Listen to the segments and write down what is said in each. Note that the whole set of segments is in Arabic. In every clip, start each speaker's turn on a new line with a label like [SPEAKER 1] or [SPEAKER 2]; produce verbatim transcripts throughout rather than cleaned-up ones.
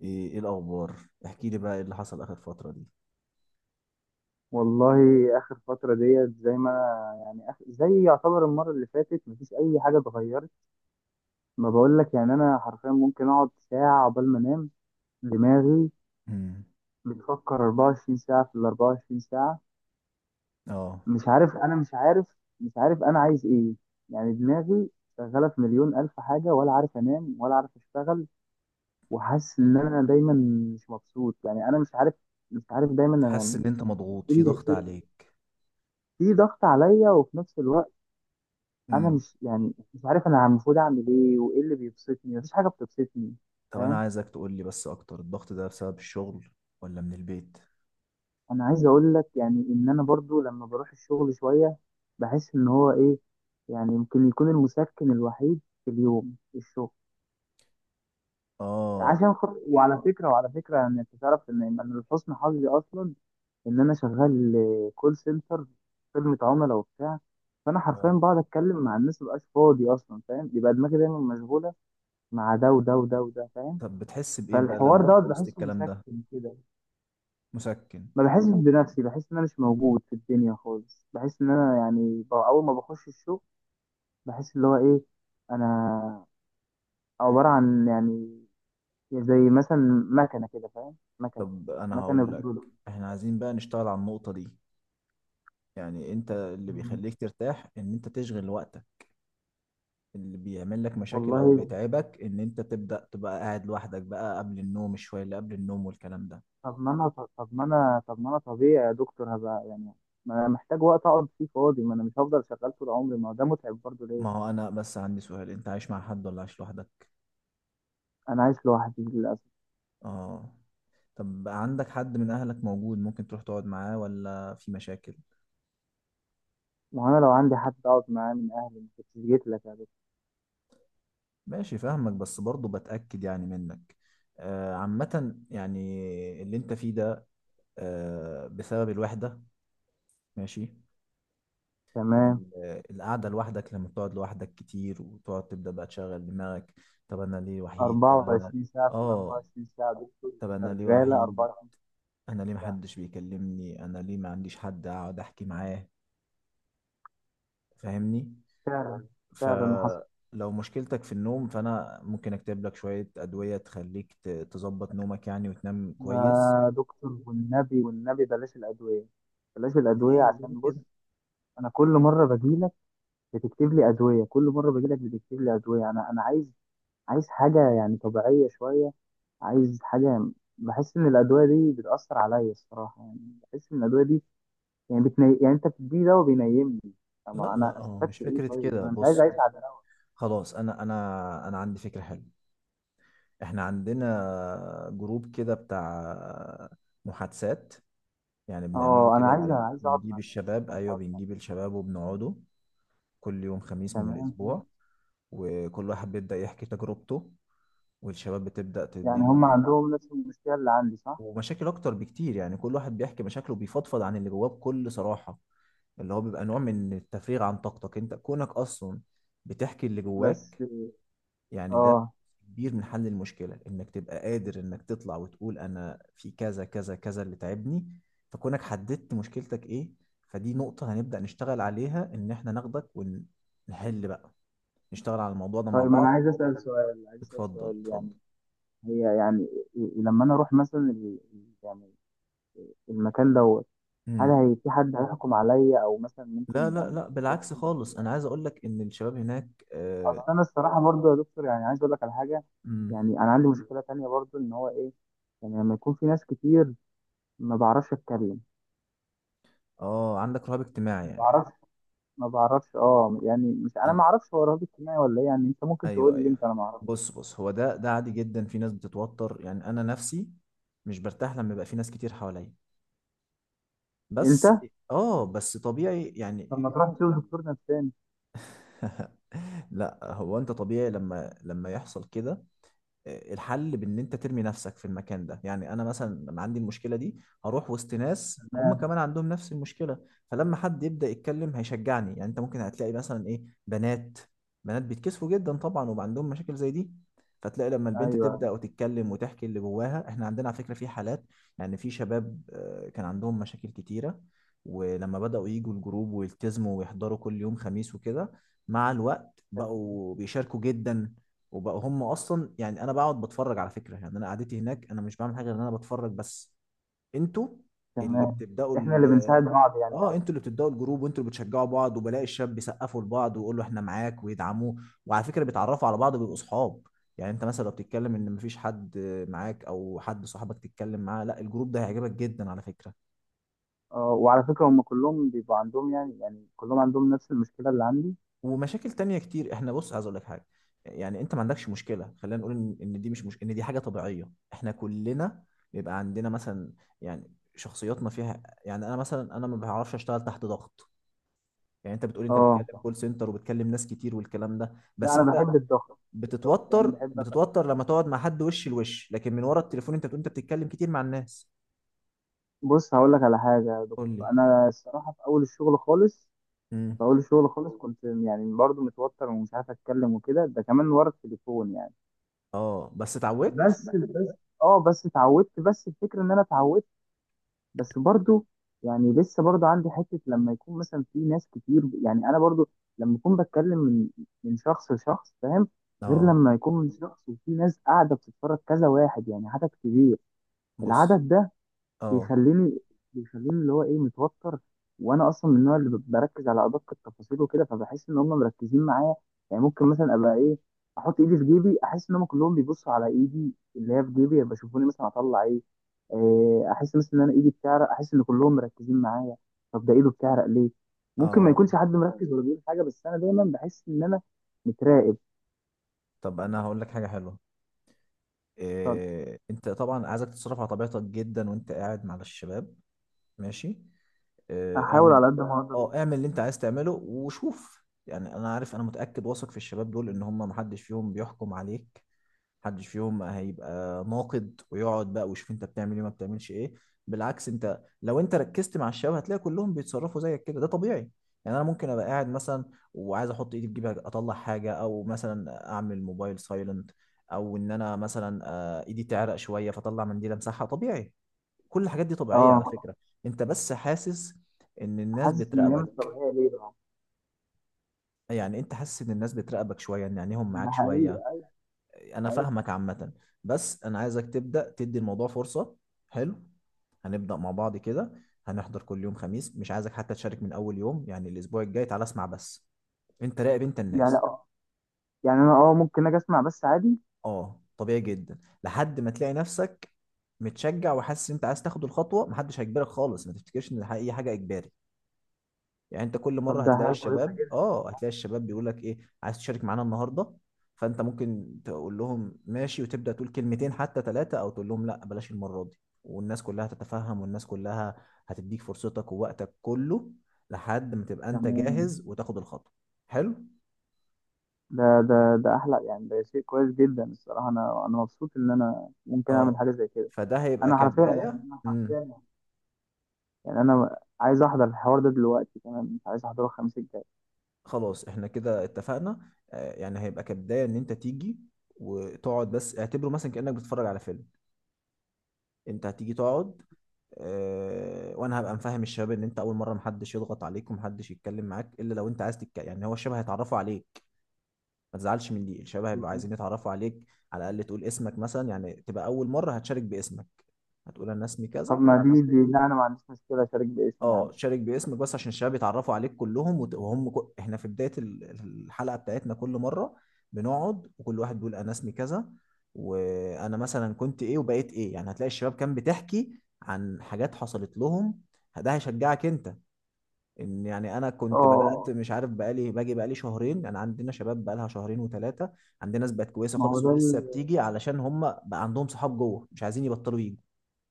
[SPEAKER 1] ايه إيه الاخبار؟ احكي لي بقى ايه اللي حصل اخر فتره دي؟
[SPEAKER 2] والله، اخر فتره ديت زي ما انا يعني آخ- زي يعتبر المره اللي فاتت مفيش اي حاجه اتغيرت. ما بقول لك يعني انا حرفيا ممكن اقعد ساعه قبل ما انام. دماغي
[SPEAKER 1] امم.
[SPEAKER 2] بتفكر أربعة وعشرين ساعه في ال أربعة وعشرين ساعه. مش عارف، انا مش عارف مش عارف انا عايز ايه. يعني دماغي شغاله في مليون الف حاجه، ولا عارف انام ولا عارف اشتغل. وحاسس ان انا دايما مش مبسوط. يعني انا مش عارف، مش عارف دايما
[SPEAKER 1] انت
[SPEAKER 2] انا
[SPEAKER 1] حاسس ان انت مضغوط؟
[SPEAKER 2] ايه
[SPEAKER 1] في
[SPEAKER 2] اللي،
[SPEAKER 1] ضغط عليك؟
[SPEAKER 2] في ضغط عليا وفي نفس الوقت انا
[SPEAKER 1] امم.
[SPEAKER 2] مش يعني مش عارف انا المفروض اعمل ايه، وايه اللي بيبسطني؟ مفيش حاجه بتبسطني،
[SPEAKER 1] طب انا
[SPEAKER 2] فاهم؟
[SPEAKER 1] عايزك تقول لي بس، اكتر الضغط ده بسبب الشغل ولا من البيت؟
[SPEAKER 2] انا عايز اقول لك يعني ان انا برضو لما بروح الشغل شويه بحس ان هو ايه، يعني يمكن يكون المسكن الوحيد في اليوم الشغل،
[SPEAKER 1] اه.
[SPEAKER 2] عشان خاطر، وعلى فكره وعلى فكره يعني انت تعرف ان انا لحسن حظي اصلا ان انا شغال كول سنتر، خدمه عملاء وبتاع. فانا حرفيا
[SPEAKER 1] اه.
[SPEAKER 2] بقعد اتكلم مع الناس، مبقاش فاضي اصلا، فاهم؟ يبقى دماغي دايما مشغوله مع ده وده وده وده، فاهم؟
[SPEAKER 1] طب بتحس بايه بقى
[SPEAKER 2] فالحوار
[SPEAKER 1] لما
[SPEAKER 2] دوت
[SPEAKER 1] تبقى وسط
[SPEAKER 2] بحسه
[SPEAKER 1] الكلام ده؟
[SPEAKER 2] مسكن كده.
[SPEAKER 1] مسكن؟
[SPEAKER 2] ما بحسش بنفسي، بحس ان انا مش موجود في الدنيا خالص. بحس ان انا يعني ب- اول ما بخش الشغل بحس اللي هو ايه، انا عبارة عن يعني زي مثلا مكنة كده، فاهم؟ مكنة،
[SPEAKER 1] طب انا
[SPEAKER 2] مكنة
[SPEAKER 1] هقول لك،
[SPEAKER 2] بترول.
[SPEAKER 1] احنا عايزين بقى نشتغل على النقطه دي. يعني انت اللي
[SPEAKER 2] مم.
[SPEAKER 1] بيخليك ترتاح ان انت تشغل وقتك، اللي بيعمل لك مشاكل او
[SPEAKER 2] والله،
[SPEAKER 1] بيتعبك ان انت تبدا تبقى قاعد لوحدك بقى قبل النوم، الشويه اللي قبل النوم والكلام ده.
[SPEAKER 2] طب ما انا طب ما انا طب ما انا طبيعي يا دكتور، هبقى يعني ما انا محتاج وقت اقعد فيه فاضي. ما انا مش هفضل شغال طول عمري، ما هو ده متعب برضه، ليه؟
[SPEAKER 1] ما هو انا بس عندي سؤال، انت عايش مع حد ولا عايش لوحدك؟
[SPEAKER 2] انا عايش لوحدي للاسف.
[SPEAKER 1] اه. طب عندك حد من اهلك موجود ممكن تروح تقعد معاه، ولا في مشاكل؟
[SPEAKER 2] ما هو انا لو عندي حد اقعد معاه من اهلي ما كنتش جيت لك يا دكتور.
[SPEAKER 1] ماشي، فاهمك، بس برضه بتأكد يعني منك. آه عامة يعني اللي انت فيه ده آه بسبب الوحدة. ماشي.
[SPEAKER 2] تمام.
[SPEAKER 1] ال- آه، القعدة لوحدك، لما بتقعد لوحدك كتير وتقعد تبدأ بقى تشغل دماغك، طب انا ليه وحيد، طب انا.
[SPEAKER 2] أربعة وعشرين ساعة في ال
[SPEAKER 1] اه.
[SPEAKER 2] أربعة وعشرين ساعة دكتور.
[SPEAKER 1] طب انا ليه
[SPEAKER 2] شغالة
[SPEAKER 1] وحيد؟
[SPEAKER 2] أربعة وعشرين
[SPEAKER 1] انا ليه
[SPEAKER 2] ساعة
[SPEAKER 1] محدش بيكلمني؟ انا ليه ما عنديش حد اقعد احكي معاه؟ فاهمني؟
[SPEAKER 2] فعلا. فعلا حصل.
[SPEAKER 1] فلو مشكلتك في النوم فأنا ممكن أكتب لك شوية أدوية تخليك ت- تظبط نومك يعني وتنام كويس.
[SPEAKER 2] ما دكتور، والنبي والنبي بلاش الأدوية، بلاش الأدوية.
[SPEAKER 1] ليه؟ ليه
[SPEAKER 2] عشان بص،
[SPEAKER 1] كده؟
[SPEAKER 2] أنا كل مرة بجيلك بتكتب لي أدوية، كل مرة بجيلك بتكتب لي أدوية. أنا أنا عايز عايز حاجة يعني طبيعية شوية، عايز حاجة يعني، بحس إن الأدوية دي بتأثر عليا الصراحة. يعني بحس إن الأدوية دي يعني بتني... يعني أنت بتديني دواء بينيمني. طب
[SPEAKER 1] لا لا،
[SPEAKER 2] أنا
[SPEAKER 1] هو مش
[SPEAKER 2] استفدت إيه؟
[SPEAKER 1] فكرة
[SPEAKER 2] طيب ما
[SPEAKER 1] كده.
[SPEAKER 2] أنا مش عايز
[SPEAKER 1] بص
[SPEAKER 2] أعيش
[SPEAKER 1] بص،
[SPEAKER 2] على.
[SPEAKER 1] خلاص. أنا أنا أنا عندي فكرة حلوة. إحنا عندنا جروب كده بتاع محادثات. يعني بنعمله
[SPEAKER 2] اه، انا
[SPEAKER 1] كده،
[SPEAKER 2] عايز،
[SPEAKER 1] ب-
[SPEAKER 2] عايز اقعد مع
[SPEAKER 1] بنجيب
[SPEAKER 2] ناس،
[SPEAKER 1] الشباب.
[SPEAKER 2] عايز
[SPEAKER 1] أيوه،
[SPEAKER 2] اقعد مع.
[SPEAKER 1] بنجيب الشباب وبنقعدوا كل يوم خميس من
[SPEAKER 2] تمام، حلو.
[SPEAKER 1] الأسبوع، وكل واحد بيبدأ يحكي تجربته، والشباب بتبدأ
[SPEAKER 2] يعني
[SPEAKER 1] تديله،
[SPEAKER 2] هم عندهم نفس المشكله اللي عندي، صح؟
[SPEAKER 1] ومشاكل اكتر بكتير. يعني كل واحد بيحكي مشاكله، بيفضفض عن اللي جواه بكل صراحة، اللي هو بيبقى نوع من التفريغ عن طاقتك، انت كونك اصلا بتحكي اللي
[SPEAKER 2] بس.
[SPEAKER 1] جواك. يعني ده
[SPEAKER 2] اه،
[SPEAKER 1] كبير من حل المشكلة انك تبقى قادر انك تطلع وتقول انا في كذا كذا كذا اللي تعبني. فكونك حددت مشكلتك ايه، فدي نقطة هنبدأ نشتغل عليها، ان احنا ناخدك ونحل بقى، نشتغل على الموضوع ده مع
[SPEAKER 2] طيب. انا
[SPEAKER 1] بعض.
[SPEAKER 2] عايز اسال سؤال، عايز اسال
[SPEAKER 1] اتفضل
[SPEAKER 2] سؤال يعني،
[SPEAKER 1] اتفضل.
[SPEAKER 2] هي يعني، ي- لما انا اروح مثلا ال- ال- يعني المكان دوت، هل
[SPEAKER 1] مم.
[SPEAKER 2] هي في حد هيحكم عليا او مثلا
[SPEAKER 1] لا
[SPEAKER 2] ممكن
[SPEAKER 1] لا
[SPEAKER 2] يعني
[SPEAKER 1] لا، بالعكس
[SPEAKER 2] يحكم
[SPEAKER 1] خالص،
[SPEAKER 2] عليا؟
[SPEAKER 1] انا عايز اقول لك ان الشباب هناك آه،
[SPEAKER 2] اصل انا الصراحه برضو يا دكتور يعني عايز اقول لك على حاجه.
[SPEAKER 1] امم.
[SPEAKER 2] يعني انا عندي مشكله تانية برضو ان هو ايه، يعني لما يكون في ناس كتير ما بعرفش اتكلم.
[SPEAKER 1] اه، عندك رهاب اجتماعي يعني.
[SPEAKER 2] ما بعرفش اه، يعني مش انا
[SPEAKER 1] أنا...
[SPEAKER 2] ما اعرفش هو رهاب اجتماعي ولا ايه، يعني انت ممكن
[SPEAKER 1] ايوه
[SPEAKER 2] تقول لي
[SPEAKER 1] ايوه.
[SPEAKER 2] انت، انا ما اعرفش
[SPEAKER 1] بص بص، هو ده ده عادي جدا. في ناس بتتوتر، يعني انا نفسي مش برتاح لما يبقى في ناس كتير حواليا
[SPEAKER 2] انت.
[SPEAKER 1] بس، اه بس طبيعي يعني.
[SPEAKER 2] طب ما تروح تشوف دكتور نفساني؟
[SPEAKER 1] لا، هو انت طبيعي لما لما يحصل كده. آه، الحل بان انت ترمي نفسك في المكان ده. يعني انا مثلا لما عندي المشكله دي، هروح وسط ناس هم
[SPEAKER 2] تمام.
[SPEAKER 1] كمان عندهم نفس المشكله، فلما حد يبدا يتكلم هيشجعني. يعني انت ممكن هتلاقي مثلا ايه، بنات بنات بيتكسفوا جدا طبعا وبقى عندهم مشاكل زي دي، فتلاقي لما البنت
[SPEAKER 2] ايوه،
[SPEAKER 1] تبدا وتتكلم وتحكي اللي جواها. احنا عندنا على فكره في حالات، يعني في شباب آه، كان عندهم مشاكل كتيره، ولما بداوا يجوا الجروب ويلتزموا ويحضروا كل يوم خميس وكده، مع الوقت بقوا بيشاركوا جدا، وبقوا هم اصلا. يعني انا بقعد بتفرج على فكره، يعني انا قعدتي هناك انا مش بعمل حاجه غير ان انا بتفرج بس، انتوا اللي
[SPEAKER 2] تمام.
[SPEAKER 1] بتبداوا
[SPEAKER 2] احنا اللي
[SPEAKER 1] ال-
[SPEAKER 2] بنساعد بعض، يعني
[SPEAKER 1] اه، انتوا
[SPEAKER 2] قصدي.
[SPEAKER 1] اللي بتبداوا الجروب وانتوا اللي بتشجعوا بعض، وبلاقي الشاب بيسقفوا لبعض ويقولوا احنا معاك ويدعموه. وعلى فكره بيتعرفوا على بعض وبيبقوا صحاب. يعني انت مثلا لو بتتكلم ان مفيش حد معاك او حد صاحبك تتكلم معاه، لا، الجروب ده هيعجبك جدا على فكره،
[SPEAKER 2] اه، وعلى فكره هم كلهم بيبقوا عندهم يعني يعني كلهم عندهم نفس المشكله اللي عندي.
[SPEAKER 1] ومشاكل تانية كتير. احنا بص، عايز اقول لك حاجه، يعني انت ما عندكش مشكله. خلينا نقول ان إن دي مش, مش ان دي حاجه طبيعيه. احنا كلنا بيبقى عندنا مثلا، يعني شخصياتنا فيها، يعني انا مثلا انا ما بعرفش اشتغل تحت ضغط. يعني انت بتقول انت
[SPEAKER 2] اه.
[SPEAKER 1] بتتكلم كول سنتر وبتكلم ناس كتير والكلام ده،
[SPEAKER 2] لا،
[SPEAKER 1] بس
[SPEAKER 2] انا
[SPEAKER 1] انت
[SPEAKER 2] بحب الضغط. الضغط يعني
[SPEAKER 1] بتتوتر،
[SPEAKER 2] بحب أبقى-
[SPEAKER 1] بتتوتر لما تقعد مع حد وش لوش، لكن من ورا التليفون انت بتقول انت بتتكلم كتير مع الناس.
[SPEAKER 2] بص هقول لك على حاجه يا
[SPEAKER 1] قول لي.
[SPEAKER 2] دكتور. انا الصراحه في اول الشغل خالص،
[SPEAKER 1] امم.
[SPEAKER 2] في اول الشغل خالص، كنت يعني برضو متوتر ومش عارف اتكلم وكده، ده كمان ورا التليفون يعني.
[SPEAKER 1] اه بس اتعودت.
[SPEAKER 2] بس بس اه، بس اتعودت، بس الفكره ان انا اتعودت، بس برضو يعني لسه برضو عندي حته لما يكون مثلا في ناس كتير. يعني انا برضو لما اكون بتكلم من من شخص لشخص، فاهم؟ غير
[SPEAKER 1] اه
[SPEAKER 2] لما يكون من شخص وفي ناس قاعده بتتفرج، كذا واحد، يعني عدد كبير.
[SPEAKER 1] بص.
[SPEAKER 2] العدد ده
[SPEAKER 1] اه
[SPEAKER 2] بيخليني، بيخليني اللي هو ايه، متوتر. وانا اصلا من النوع اللي ب- بركز على ادق التفاصيل وكده، فبحس ان هم مركزين معايا. يعني ممكن مثلا ابقى ايه، احط ايدي في جيبي، احس ان هم كلهم بيبصوا على ايدي اللي هي في جيبي، يبقى شوفوني مثلا اطلع ايه. آه، احس مثلا ان انا ايدي بتعرق، احس ان كلهم مركزين معايا. طب ده ايده بتعرق ليه؟ ممكن ما
[SPEAKER 1] اه.
[SPEAKER 2] يكونش حد مركز ولا بيقول حاجه، بس انا دايما بحس ان انا متراقب.
[SPEAKER 1] طب انا هقول لك حاجه حلوه. إيه، انت طبعا عايزك تتصرف على طبيعتك جدا وانت قاعد مع الشباب. ماشي. إيه،
[SPEAKER 2] فاحاول
[SPEAKER 1] اعمل.
[SPEAKER 2] على قد ما اقدر.
[SPEAKER 1] اه، اعمل اللي انت عايز تعمله وشوف. يعني انا عارف، انا متأكد واثق في الشباب دول ان هم محدش فيهم بيحكم عليك. محدش فيهم هيبقى ناقد ويقعد بقى ويشوف انت بتعمل ايه ما بتعملش ايه. بالعكس، انت لو انت ركزت مع الشباب هتلاقي كلهم بيتصرفوا زيك كده، ده طبيعي. يعني انا ممكن ابقى قاعد مثلا وعايز احط ايدي في جيبي اطلع حاجه، او مثلا اعمل موبايل سايلنت، او ان انا مثلا آه، ايدي تعرق شويه فاطلع منديل امسحها، طبيعي. كل الحاجات دي طبيعيه على
[SPEAKER 2] اه.
[SPEAKER 1] فكره. انت بس حاسس ان الناس
[SPEAKER 2] حاسس ان هي مش
[SPEAKER 1] بتراقبك.
[SPEAKER 2] طبيعيه، ليه بقى؟
[SPEAKER 1] يعني انت حاسس ان الناس بتراقبك شويه، ان عينيهم
[SPEAKER 2] ده
[SPEAKER 1] معاك شويه.
[SPEAKER 2] حقيقي.
[SPEAKER 1] انا فاهمك عامة، بس انا عايزك تبدأ تدي الموضوع فرصة. حلو. هنبدأ مع بعض كده، هنحضر كل يوم خميس. مش عايزك حتى تشارك من اول يوم، يعني الاسبوع الجاي تعالى اسمع بس، انت راقب انت
[SPEAKER 2] يعني
[SPEAKER 1] الناس.
[SPEAKER 2] آه، يعني انا اه ممكن اجي اسمع بس، عادي.
[SPEAKER 1] اه طبيعي جدا. لحد ما تلاقي نفسك متشجع وحاسس انت عايز تاخد الخطوة، محدش هيجبرك خالص، ما تفتكرش ان الح- اي حاجة اجباري. يعني انت كل
[SPEAKER 2] طب
[SPEAKER 1] مره
[SPEAKER 2] ده
[SPEAKER 1] هتلاقي
[SPEAKER 2] حاجه كويسه
[SPEAKER 1] الشباب،
[SPEAKER 2] جدا.
[SPEAKER 1] اه هتلاقي الشباب بيقول لك ايه، عايز تشارك معانا النهارده؟ فانت ممكن تقول لهم ماشي وتبدا تقول كلمتين حتى ثلاثه، او تقول لهم لا بلاش المره دي، والناس كلها تتفهم، والناس كلها هتديك فرصتك ووقتك كله لحد ما تبقى انت
[SPEAKER 2] تمام.
[SPEAKER 1] جاهز وتاخد الخطوه. حلو.
[SPEAKER 2] ده، ده ده احلى يعني، ده شيء كويس جدا الصراحه. انا، انا مبسوط ان انا ممكن اعمل
[SPEAKER 1] اه،
[SPEAKER 2] حاجه زي كده.
[SPEAKER 1] فده هيبقى
[SPEAKER 2] انا حرفيا يعني
[SPEAKER 1] كبدايه.
[SPEAKER 2] انا
[SPEAKER 1] امم.
[SPEAKER 2] حرفيا، يعني انا عايز احضر الحوار ده دلوقتي كمان، مش عايز احضره الخميس الجاي.
[SPEAKER 1] خلاص احنا كده اتفقنا. آه، يعني هيبقى كبدايه ان انت تيجي وتقعد بس، اعتبره مثلا كانك بتتفرج على فيلم. انت هتيجي تقعد آه، وانا هبقى مفهم الشباب ان انت اول مره محدش يضغط عليك ومحدش يتكلم معاك الا لو انت عايز تتكلم. يعني هو الشباب هيتعرفوا عليك، ما تزعلش من دي، الشباب هيبقوا عايزين يتعرفوا عليك. على الاقل تقول اسمك مثلا، يعني تبقى اول مره هتشارك باسمك، هتقول انا اسمي
[SPEAKER 2] طب
[SPEAKER 1] كذا.
[SPEAKER 2] ما دي دي لا، انا ما عنديش مشكله اشارك باسمي،
[SPEAKER 1] اه،
[SPEAKER 2] عادي.
[SPEAKER 1] شارك باسمك بس عشان الشباب يتعرفوا عليك كلهم، وت- وهم كل... احنا في بدايه ال- الحلقه بتاعتنا كل مره بنقعد وكل واحد بيقول انا اسمي كذا وانا مثلا كنت ايه وبقيت ايه. يعني هتلاقي الشباب كان بتحكي عن حاجات حصلت لهم، ده هيشجعك انت، ان يعني انا كنت بدات
[SPEAKER 2] اه.
[SPEAKER 1] مش عارف بقالي باجي بقالي شهرين. انا عندنا شباب بقالها شهرين وثلاثه، عندنا ناس بقت كويسه
[SPEAKER 2] ما هو
[SPEAKER 1] خالص
[SPEAKER 2] ده
[SPEAKER 1] ولسه
[SPEAKER 2] ال...
[SPEAKER 1] بتيجي علشان هم بقى عندهم صحاب جوه مش عايزين يبطلوا يجوا.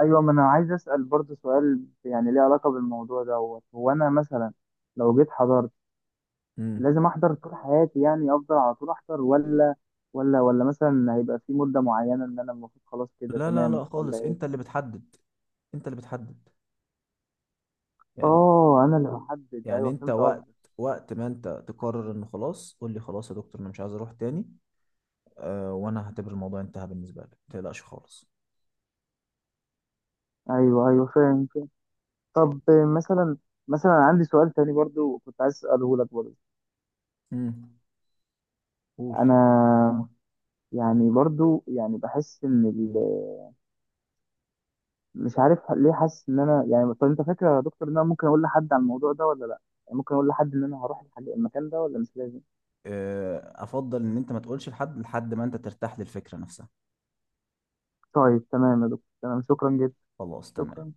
[SPEAKER 2] ايوه ما انا عايز اسال برضه سؤال، يعني ليه علاقه بالموضوع دوت. هو انا مثلا لو جيت حضرت
[SPEAKER 1] امم.
[SPEAKER 2] لازم احضر طول حياتي؟ يعني افضل على طول احضر، ولا ولا ولا مثلا هيبقى في مدة معينة ان انا المفروض خلاص كده
[SPEAKER 1] لا لا
[SPEAKER 2] تمام،
[SPEAKER 1] لا
[SPEAKER 2] ولا
[SPEAKER 1] خالص، انت
[SPEAKER 2] ايه؟
[SPEAKER 1] اللي بتحدد، انت اللي بتحدد. يعني
[SPEAKER 2] اه، انا اللي بحدد،
[SPEAKER 1] يعني
[SPEAKER 2] ايوه
[SPEAKER 1] انت
[SPEAKER 2] فهمت
[SPEAKER 1] وقت
[SPEAKER 2] قصدك.
[SPEAKER 1] وقت ما انت تقرر انه خلاص قول لي خلاص يا دكتور انا مش عايز اروح تاني، أه وانا هعتبر الموضوع انتهى بالنسبه لي، ما تقلقش خالص.
[SPEAKER 2] ايوه ايوه، فاهم فاهم. طب مثلا، مثلا عندي سؤال تاني برضو كنت عايز اساله لك برضو.
[SPEAKER 1] امم. قول.
[SPEAKER 2] انا يعني برضو يعني بحس ان ال-، مش عارف ليه حاسس ان انا يعني، طب انت فاكر يا دكتور ان انا ممكن اقول لحد عن الموضوع ده، ولا لا؟ يعني ممكن اقول لحد ان انا هروح الحاجة- المكان ده، ولا مش لازم؟
[SPEAKER 1] آه، افضل ان انت ما تقولش لحد لحد ما انت ترتاح للفكره نفسها.
[SPEAKER 2] طيب تمام يا دكتور، تمام، شكرا جدا.
[SPEAKER 1] خلاص تمام.
[SPEAKER 2] شكرا.